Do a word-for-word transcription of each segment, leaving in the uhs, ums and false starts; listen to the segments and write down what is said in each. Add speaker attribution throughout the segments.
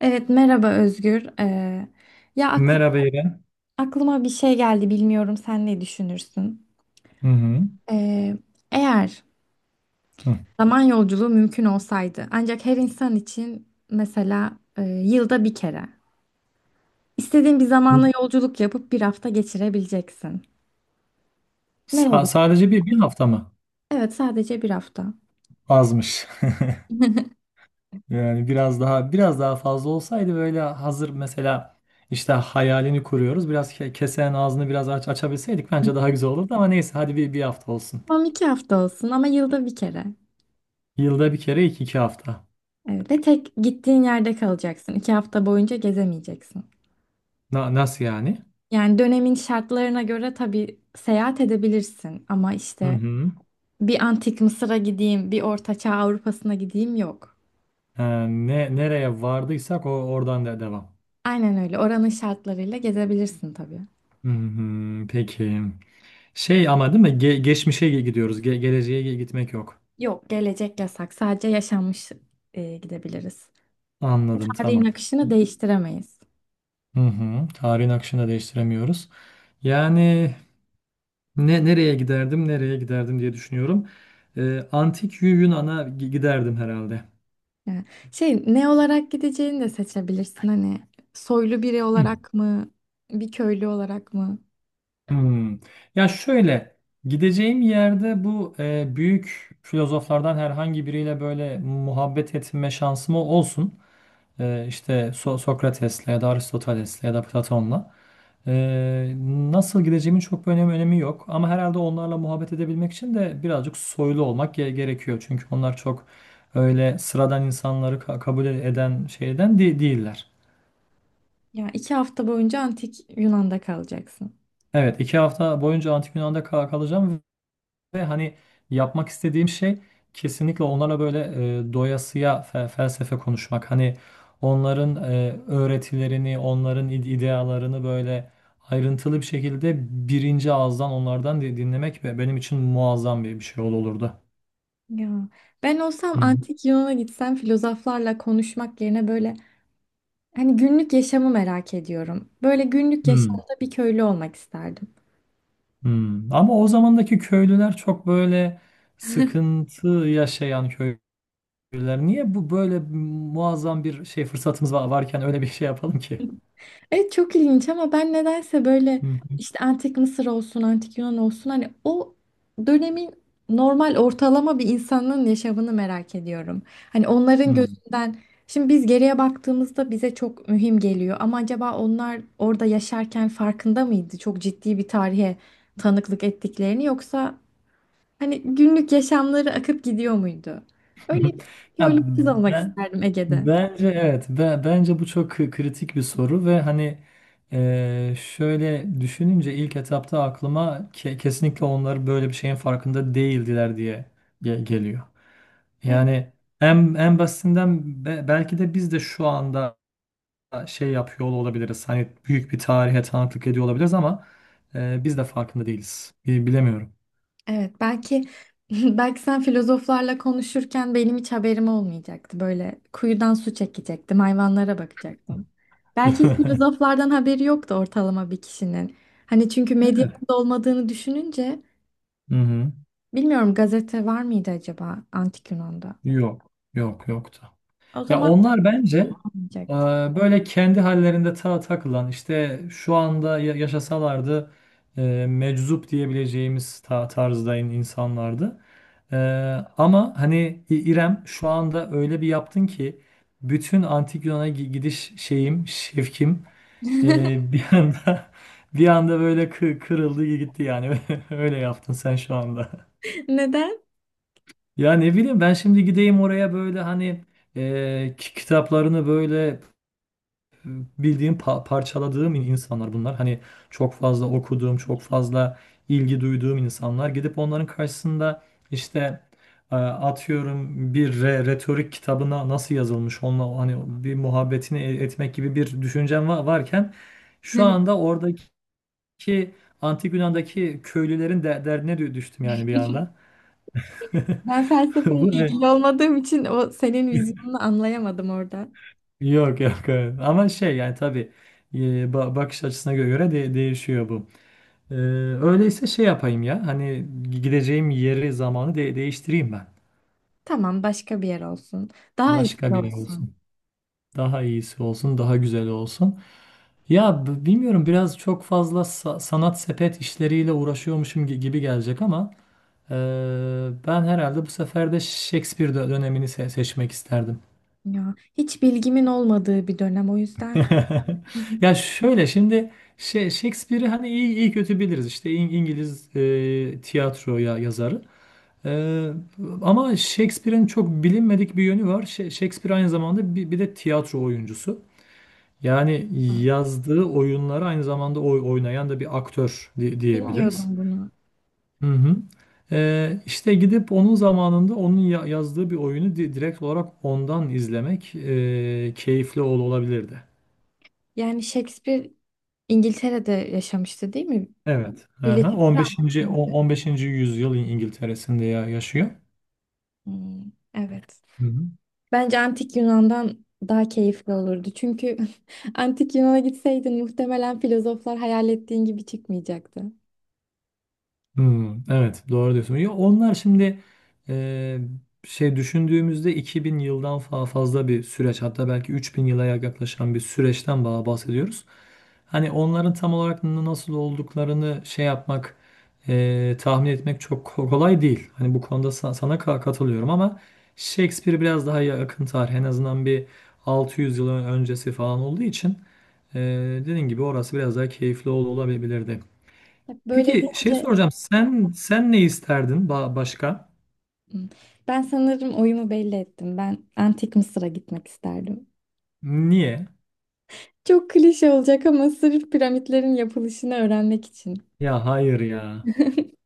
Speaker 1: Evet, merhaba Özgür. Ee, ya aklım,
Speaker 2: Merhaba İrem.
Speaker 1: Aklıma bir şey geldi, bilmiyorum sen ne düşünürsün?
Speaker 2: Hı hı.
Speaker 1: Ee, Eğer
Speaker 2: Hı.
Speaker 1: zaman yolculuğu mümkün olsaydı, ancak her insan için mesela e, yılda bir kere istediğin bir zamana yolculuk yapıp bir hafta geçirebileceksin.
Speaker 2: Sa-
Speaker 1: Nereye?
Speaker 2: sadece bir, bir hafta mı?
Speaker 1: Evet, sadece bir hafta.
Speaker 2: Azmış. Yani biraz daha biraz daha fazla olsaydı böyle hazır mesela işte hayalini kuruyoruz. Biraz ke- kesenin ağzını biraz aç açabilseydik bence daha güzel olurdu ama neyse hadi bir, bir hafta olsun.
Speaker 1: Tamam, iki hafta olsun ama yılda bir kere.
Speaker 2: Yılda bir kere iki iki hafta.
Speaker 1: Evet, ve tek gittiğin yerde kalacaksın. İki hafta boyunca gezemeyeceksin.
Speaker 2: Na- nasıl yani?
Speaker 1: Yani dönemin şartlarına göre tabii seyahat edebilirsin ama
Speaker 2: Hı
Speaker 1: işte
Speaker 2: hı.
Speaker 1: bir antik Mısır'a gideyim, bir Orta Çağ Avrupa'sına gideyim yok.
Speaker 2: Ee, ne Nereye vardıysak o oradan da devam.
Speaker 1: Aynen öyle. Oranın şartlarıyla gezebilirsin tabii.
Speaker 2: Hı hı, peki. Şey ama değil mi? Ge- geçmişe gidiyoruz. Ge- geleceğe gitmek yok.
Speaker 1: Yok, gelecek yasak. Sadece yaşanmış e, gidebiliriz.
Speaker 2: Anladım,
Speaker 1: Tarihin
Speaker 2: tamam.
Speaker 1: akışını değiştiremeyiz.
Speaker 2: Hı hı. Tarihin akışını da değiştiremiyoruz. Yani ne nereye giderdim nereye giderdim diye düşünüyorum. Ee, antik Yu- Yunan'a gi- giderdim herhalde.
Speaker 1: Yani şey ne olarak gideceğini de seçebilirsin. Hani soylu biri
Speaker 2: Hı.
Speaker 1: olarak mı, bir köylü olarak mı?
Speaker 2: Hmm. Ya şöyle, gideceğim yerde bu e, büyük filozoflardan herhangi biriyle böyle muhabbet etme şansım olsun. Ee, işte So- Sokrates'le ya da Aristoteles'le ya da Platon'la. Ee, Nasıl gideceğimin çok bir önemi, önemi yok. Ama herhalde onlarla muhabbet edebilmek için de birazcık soylu olmak ge- gerekiyor. Çünkü onlar çok öyle sıradan insanları ka- kabul eden şeyden de- değiller.
Speaker 1: Ya iki hafta boyunca antik Yunan'da kalacaksın.
Speaker 2: Evet, iki hafta boyunca Antik Yunan'da kal- kalacağım. Ve hani yapmak istediğim şey kesinlikle onlara böyle, e, doyasıya fe- felsefe konuşmak. Hani onların e, öğretilerini, onların ide- idealarını böyle ayrıntılı bir şekilde birinci ağızdan onlardan di- dinlemek ve benim için muazzam bir, bir şey ol- olurdu.
Speaker 1: Ya ben olsam
Speaker 2: Hı hı.
Speaker 1: antik Yunan'a gitsem filozoflarla konuşmak yerine böyle hani günlük yaşamı merak ediyorum. Böyle günlük
Speaker 2: Hmm,
Speaker 1: yaşamda bir köylü olmak isterdim.
Speaker 2: hmm. Ama o zamandaki köylüler çok böyle sıkıntı yaşayan köylüler. Niye bu böyle muazzam bir şey fırsatımız va- varken öyle bir şey yapalım ki?
Speaker 1: Evet, çok ilginç ama ben nedense böyle
Speaker 2: Hı hı.
Speaker 1: işte antik Mısır olsun, antik Yunan olsun hani o dönemin normal ortalama bir insanın yaşamını merak ediyorum. Hani onların
Speaker 2: Hı.
Speaker 1: gözünden şimdi biz geriye baktığımızda bize çok mühim geliyor ama acaba onlar orada yaşarken farkında mıydı? Çok ciddi bir tarihe tanıklık ettiklerini yoksa hani günlük yaşamları akıp gidiyor muydu? Öyle bir, Böyle
Speaker 2: Ya
Speaker 1: bir kız olmak
Speaker 2: ben,
Speaker 1: isterdim Ege'de.
Speaker 2: bence evet Be- bence bu çok kı- kritik bir soru ve hani, e, şöyle düşününce ilk etapta aklıma ke- kesinlikle onlar böyle bir şeyin farkında değildiler diye ge- geliyor. Yani en en basitinden be- belki de biz de şu anda şey yapıyor olabiliriz. Hani büyük bir tarihe tanıklık ediyor olabiliriz ama e, biz de farkında değiliz. Bi- Bilemiyorum.
Speaker 1: Evet, belki belki sen filozoflarla konuşurken benim hiç haberim olmayacaktı. Böyle kuyudan su çekecektim, hayvanlara bakacaktım. Belki hiç filozoflardan haberi yoktu ortalama bir kişinin. Hani çünkü
Speaker 2: Evet.
Speaker 1: medyanın da olmadığını düşününce
Speaker 2: Hı hı.
Speaker 1: bilmiyorum, gazete var mıydı acaba Antik Yunan'da?
Speaker 2: Yok. Yok yoktu.
Speaker 1: O
Speaker 2: Ya
Speaker 1: zaman
Speaker 2: onlar bence e,
Speaker 1: olmayacaktı.
Speaker 2: böyle kendi hallerinde ta takılan işte şu anda ya- yaşasalardı e, meczup diyebileceğimiz ta tarzda in- insanlardı. E, Ama hani İ- İrem şu anda öyle bir yaptın ki bütün antik Yunan'a gi- gidiş şeyim, şevkim e, bir anda bir anda böyle kı- kırıldı gitti yani. Öyle yaptın sen şu anda.
Speaker 1: Neden?
Speaker 2: Ya ne bileyim, ben şimdi gideyim oraya böyle hani, e, ki- kitaplarını böyle bildiğim, pa- parçaladığım in- insanlar bunlar. Hani çok fazla okuduğum, çok fazla ilgi duyduğum insanlar. Gidip onların karşısında işte, e, atıyorum bir re- retorik kitabına nasıl yazılmış onunla hani bir muhabbetini e- etmek gibi bir düşüncem va- varken şu anda oradaki Antik Yunan'daki köylülerin de derdine dü- düştüm yani bir anda.
Speaker 1: Ben felsefeyle
Speaker 2: Bu ne?
Speaker 1: ilgili olmadığım için o senin vizyonunu anlayamadım orada.
Speaker 2: Yok yok evet. Ama şey yani tabii, e, ba- bakış açısına göre de değişiyor bu. Ee, Öyleyse şey yapayım ya. Hani gideceğim yeri zamanı de- değiştireyim ben.
Speaker 1: Tamam, başka bir yer olsun. Daha
Speaker 2: Başka
Speaker 1: eski
Speaker 2: bir yer
Speaker 1: olsun.
Speaker 2: olsun. Daha iyisi olsun, daha güzel olsun. Ya b- bilmiyorum, biraz çok fazla sa- sanat sepet işleriyle uğraşıyormuşum gi- gibi gelecek ama, e, ben herhalde bu sefer de Shakespeare dö- dönemini se- seçmek isterdim.
Speaker 1: Ya hiç bilgimin olmadığı bir dönem, o yüzden
Speaker 2: Ya şöyle şimdi şey, Shakespeare'i hani iyi, iyi kötü biliriz. İşte İng- İngiliz e, tiyatroya yazarı. Ee, Ama Shakespeare'in çok bilinmedik bir yönü var. Ş- Shakespeare aynı zamanda bir, bir de tiyatro oyuncusu. Yani yazdığı oyunları aynı zamanda oy- oynayan da bir aktör di- diyebiliriz.
Speaker 1: bilmiyordum bunu.
Speaker 2: Hı hı. Ee, işte gidip onun zamanında onun ya- yazdığı bir oyunu di- direkt olarak ondan izlemek e, keyifli ol- olabilirdi.
Speaker 1: Yani Shakespeare İngiltere'de yaşamıştı, değil mi?
Speaker 2: Evet. Aha.
Speaker 1: Birleşik
Speaker 2: 15. o-
Speaker 1: Krallık.
Speaker 2: on beşinci yüzyıl İng- İngiltere'sinde ya- yaşıyor.
Speaker 1: Hmm, evet.
Speaker 2: Hı hı.
Speaker 1: Bence Antik Yunan'dan daha keyifli olurdu. Çünkü Antik Yunan'a gitseydin muhtemelen filozoflar hayal ettiğin gibi çıkmayacaktı.
Speaker 2: Hmm, evet doğru diyorsun. Ya onlar şimdi, e, şey düşündüğümüzde iki bin yıldan fa- fazla bir süreç, hatta belki üç bin yıla yaklaşan bir süreçten ba- bahsediyoruz. Hani onların tam olarak n- nasıl olduklarını şey yapmak, e, tahmin etmek çok ko- kolay değil. Hani bu konuda sa- sana ka- katılıyorum ama Shakespeare biraz daha yakın tarih, en azından bir altı yüz yıl öncesi falan olduğu için e, dediğin gibi orası biraz daha keyifli ol- olabilirdi.
Speaker 1: Bak, böyle
Speaker 2: Peki şey
Speaker 1: deyince.
Speaker 2: soracağım. Sen sen ne isterdin ba- başka?
Speaker 1: Hmm, ben sanırım oyumu belli ettim. Ben Antik Mısır'a gitmek isterdim.
Speaker 2: Niye?
Speaker 1: Çok klişe olacak ama sırf piramitlerin yapılışını öğrenmek için.
Speaker 2: Ya hayır ya.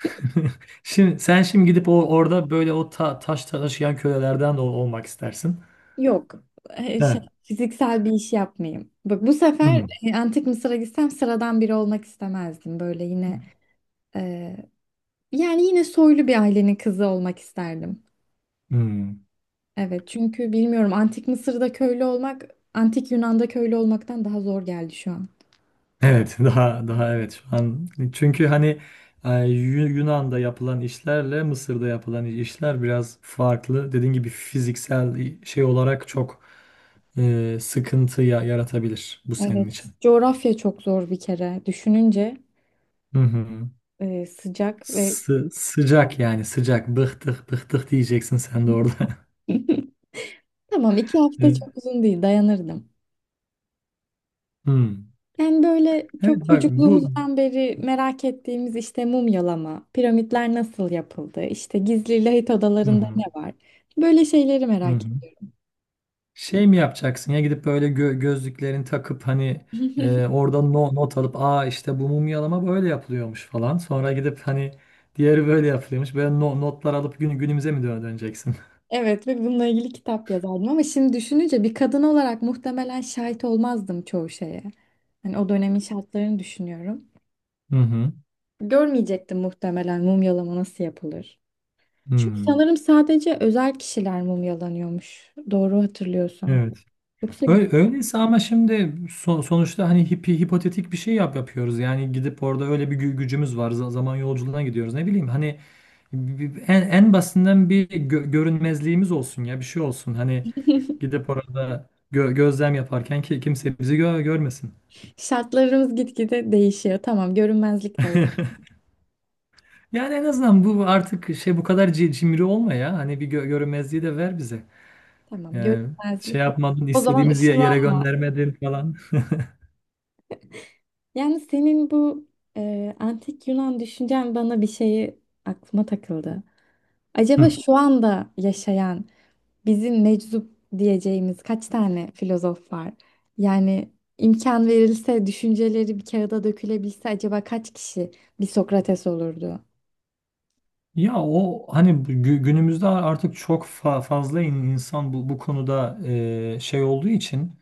Speaker 2: Şimdi sen şimdi gidip o orada böyle o ta- taş taşıyan kölelerden de ol- olmak istersin.
Speaker 1: Yok. e, Şey,
Speaker 2: Evet.
Speaker 1: fiziksel bir iş yapmayayım. Bak, bu sefer
Speaker 2: Hmm,
Speaker 1: e, Antik Mısır'a gitsem sıradan biri olmak istemezdim. Böyle yine e, yani yine soylu bir ailenin kızı olmak isterdim.
Speaker 2: hmm.
Speaker 1: Evet, çünkü bilmiyorum, Antik Mısır'da köylü olmak Antik Yunan'da köylü olmaktan daha zor geldi şu an.
Speaker 2: Evet daha daha evet şu an, çünkü hani e, Yu- Yunan'da yapılan işlerle Mısır'da yapılan işler biraz farklı. Dediğin gibi fiziksel şey olarak çok e, sıkıntı ya- yaratabilir bu senin
Speaker 1: Evet.
Speaker 2: için.
Speaker 1: Coğrafya çok zor bir kere. Düşününce
Speaker 2: Hı hı.
Speaker 1: e, sıcak ve
Speaker 2: Sı- sıcak yani sıcak. Bıktık bıktık diyeceksin sen de orada.
Speaker 1: tamam, iki hafta
Speaker 2: Evet.
Speaker 1: çok uzun değil, dayanırdım.
Speaker 2: Hmm.
Speaker 1: Yani böyle çok
Speaker 2: Evet bak bu.
Speaker 1: çocukluğumuzdan beri merak ettiğimiz işte mumyalama, piramitler nasıl yapıldı, işte gizli lahit
Speaker 2: Hı
Speaker 1: odalarında
Speaker 2: hı,
Speaker 1: ne var? Böyle şeyleri
Speaker 2: hı
Speaker 1: merak
Speaker 2: hı.
Speaker 1: ettim.
Speaker 2: Şey mi yapacaksın ya, gidip böyle gö- gözlüklerini takıp hani, e, orada no- not alıp aa işte bu mumyalama böyle yapılıyormuş falan. Sonra gidip hani diğeri böyle yapılıyormuş. Böyle no- notlar alıp gün günümüze mi dö- döneceksin?
Speaker 1: Evet, ve bununla ilgili kitap yazardım ama şimdi düşününce bir kadın olarak muhtemelen şahit olmazdım çoğu şeye. Hani o dönemin şartlarını düşünüyorum.
Speaker 2: Hı hı.
Speaker 1: Görmeyecektim muhtemelen mumyalama nasıl yapılır. Çünkü
Speaker 2: Hmm.
Speaker 1: sanırım sadece özel kişiler mumyalanıyormuş. Doğru hatırlıyorsam.
Speaker 2: Evet.
Speaker 1: Yoksa
Speaker 2: Öyle, öyleyse ama şimdi son- sonuçta hani hipi, hipotetik bir şey yap yapıyoruz. Yani gidip orada öyle bir gü- gücümüz var. za- Zaman yolculuğuna gidiyoruz. Ne bileyim, hani bi- bi- en, en basitinden bir gö- görünmezliğimiz olsun ya bir şey olsun. Hani gidip orada gö- gözlem yaparken ki kimse bizi gö- görmesin.
Speaker 1: şartlarımız gitgide değişiyor. Tamam, görünmezlik de var.
Speaker 2: Yani en azından bu artık şey, bu kadar ci- cimri olma ya. Hani bir gö- görünmezliği de ver bize.
Speaker 1: Tamam,
Speaker 2: Yani şey
Speaker 1: görünmezlik var.
Speaker 2: yapmadın,
Speaker 1: O zaman
Speaker 2: istediğimiz ye- yere
Speaker 1: ışınlan.
Speaker 2: göndermedin falan.
Speaker 1: Yani senin bu e, antik Yunan düşüncen bana bir şeyi aklıma takıldı. Acaba şu anda yaşayan bizim meczup diyeceğimiz kaç tane filozof var? Yani imkan verilse, düşünceleri bir kağıda dökülebilse acaba kaç kişi bir Sokrates olurdu?
Speaker 2: Ya o hani gü- günümüzde artık çok fa- fazla in- insan bu, bu konuda e, şey olduğu için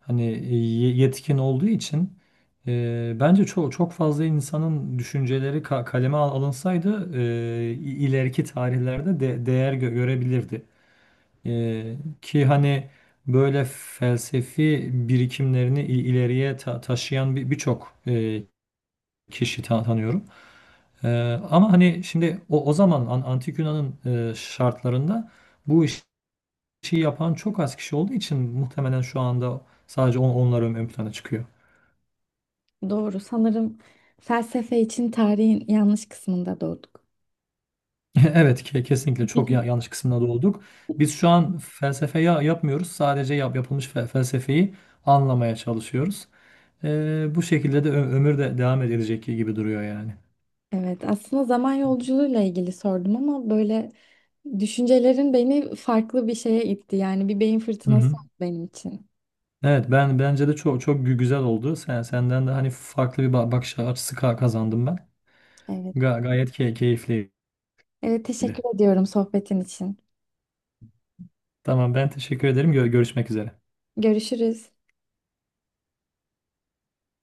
Speaker 2: hani, e, ye- yetkin olduğu için e, bence çok çok fazla insanın düşünceleri ka- kaleme al- alınsaydı e, i- ileriki tarihlerde de değer gö- görebilirdi. E, ki hani böyle felsefi birikimlerini i- ileriye ta- taşıyan bir birçok e, kişi ta- tanıyorum. Ee, Ama hani şimdi o, o zaman an- Antik Yunan'ın e, şartlarında bu iş- işi yapan çok az kişi olduğu için muhtemelen şu anda sadece on, onlar ön, ön plana çıkıyor.
Speaker 1: Doğru. Sanırım felsefe için tarihin yanlış kısmında doğduk.
Speaker 2: Evet ke- kesinlikle çok ya- yanlış kısmına doğduk. Biz şu an felsefe ya- yapmıyoruz. Sadece yap, yapılmış fe- felsefeyi anlamaya çalışıyoruz. Ee, bu şekilde de ö- ömür de devam edilecek gibi duruyor yani.
Speaker 1: Evet, aslında zaman yolculuğuyla ilgili sordum ama böyle düşüncelerin beni farklı bir şeye itti. Yani bir beyin
Speaker 2: Hı
Speaker 1: fırtınası
Speaker 2: hı.
Speaker 1: oldu benim için.
Speaker 2: Evet ben bence de çok çok gü- güzel oldu. Sen senden de hani farklı bir ba- bakış açısı ka- kazandım ben.
Speaker 1: Evet.
Speaker 2: Ga- gayet key keyifli.
Speaker 1: Evet, teşekkür ediyorum sohbetin için.
Speaker 2: Tamam ben teşekkür ederim. Gö- görüşmek üzere.
Speaker 1: Görüşürüz.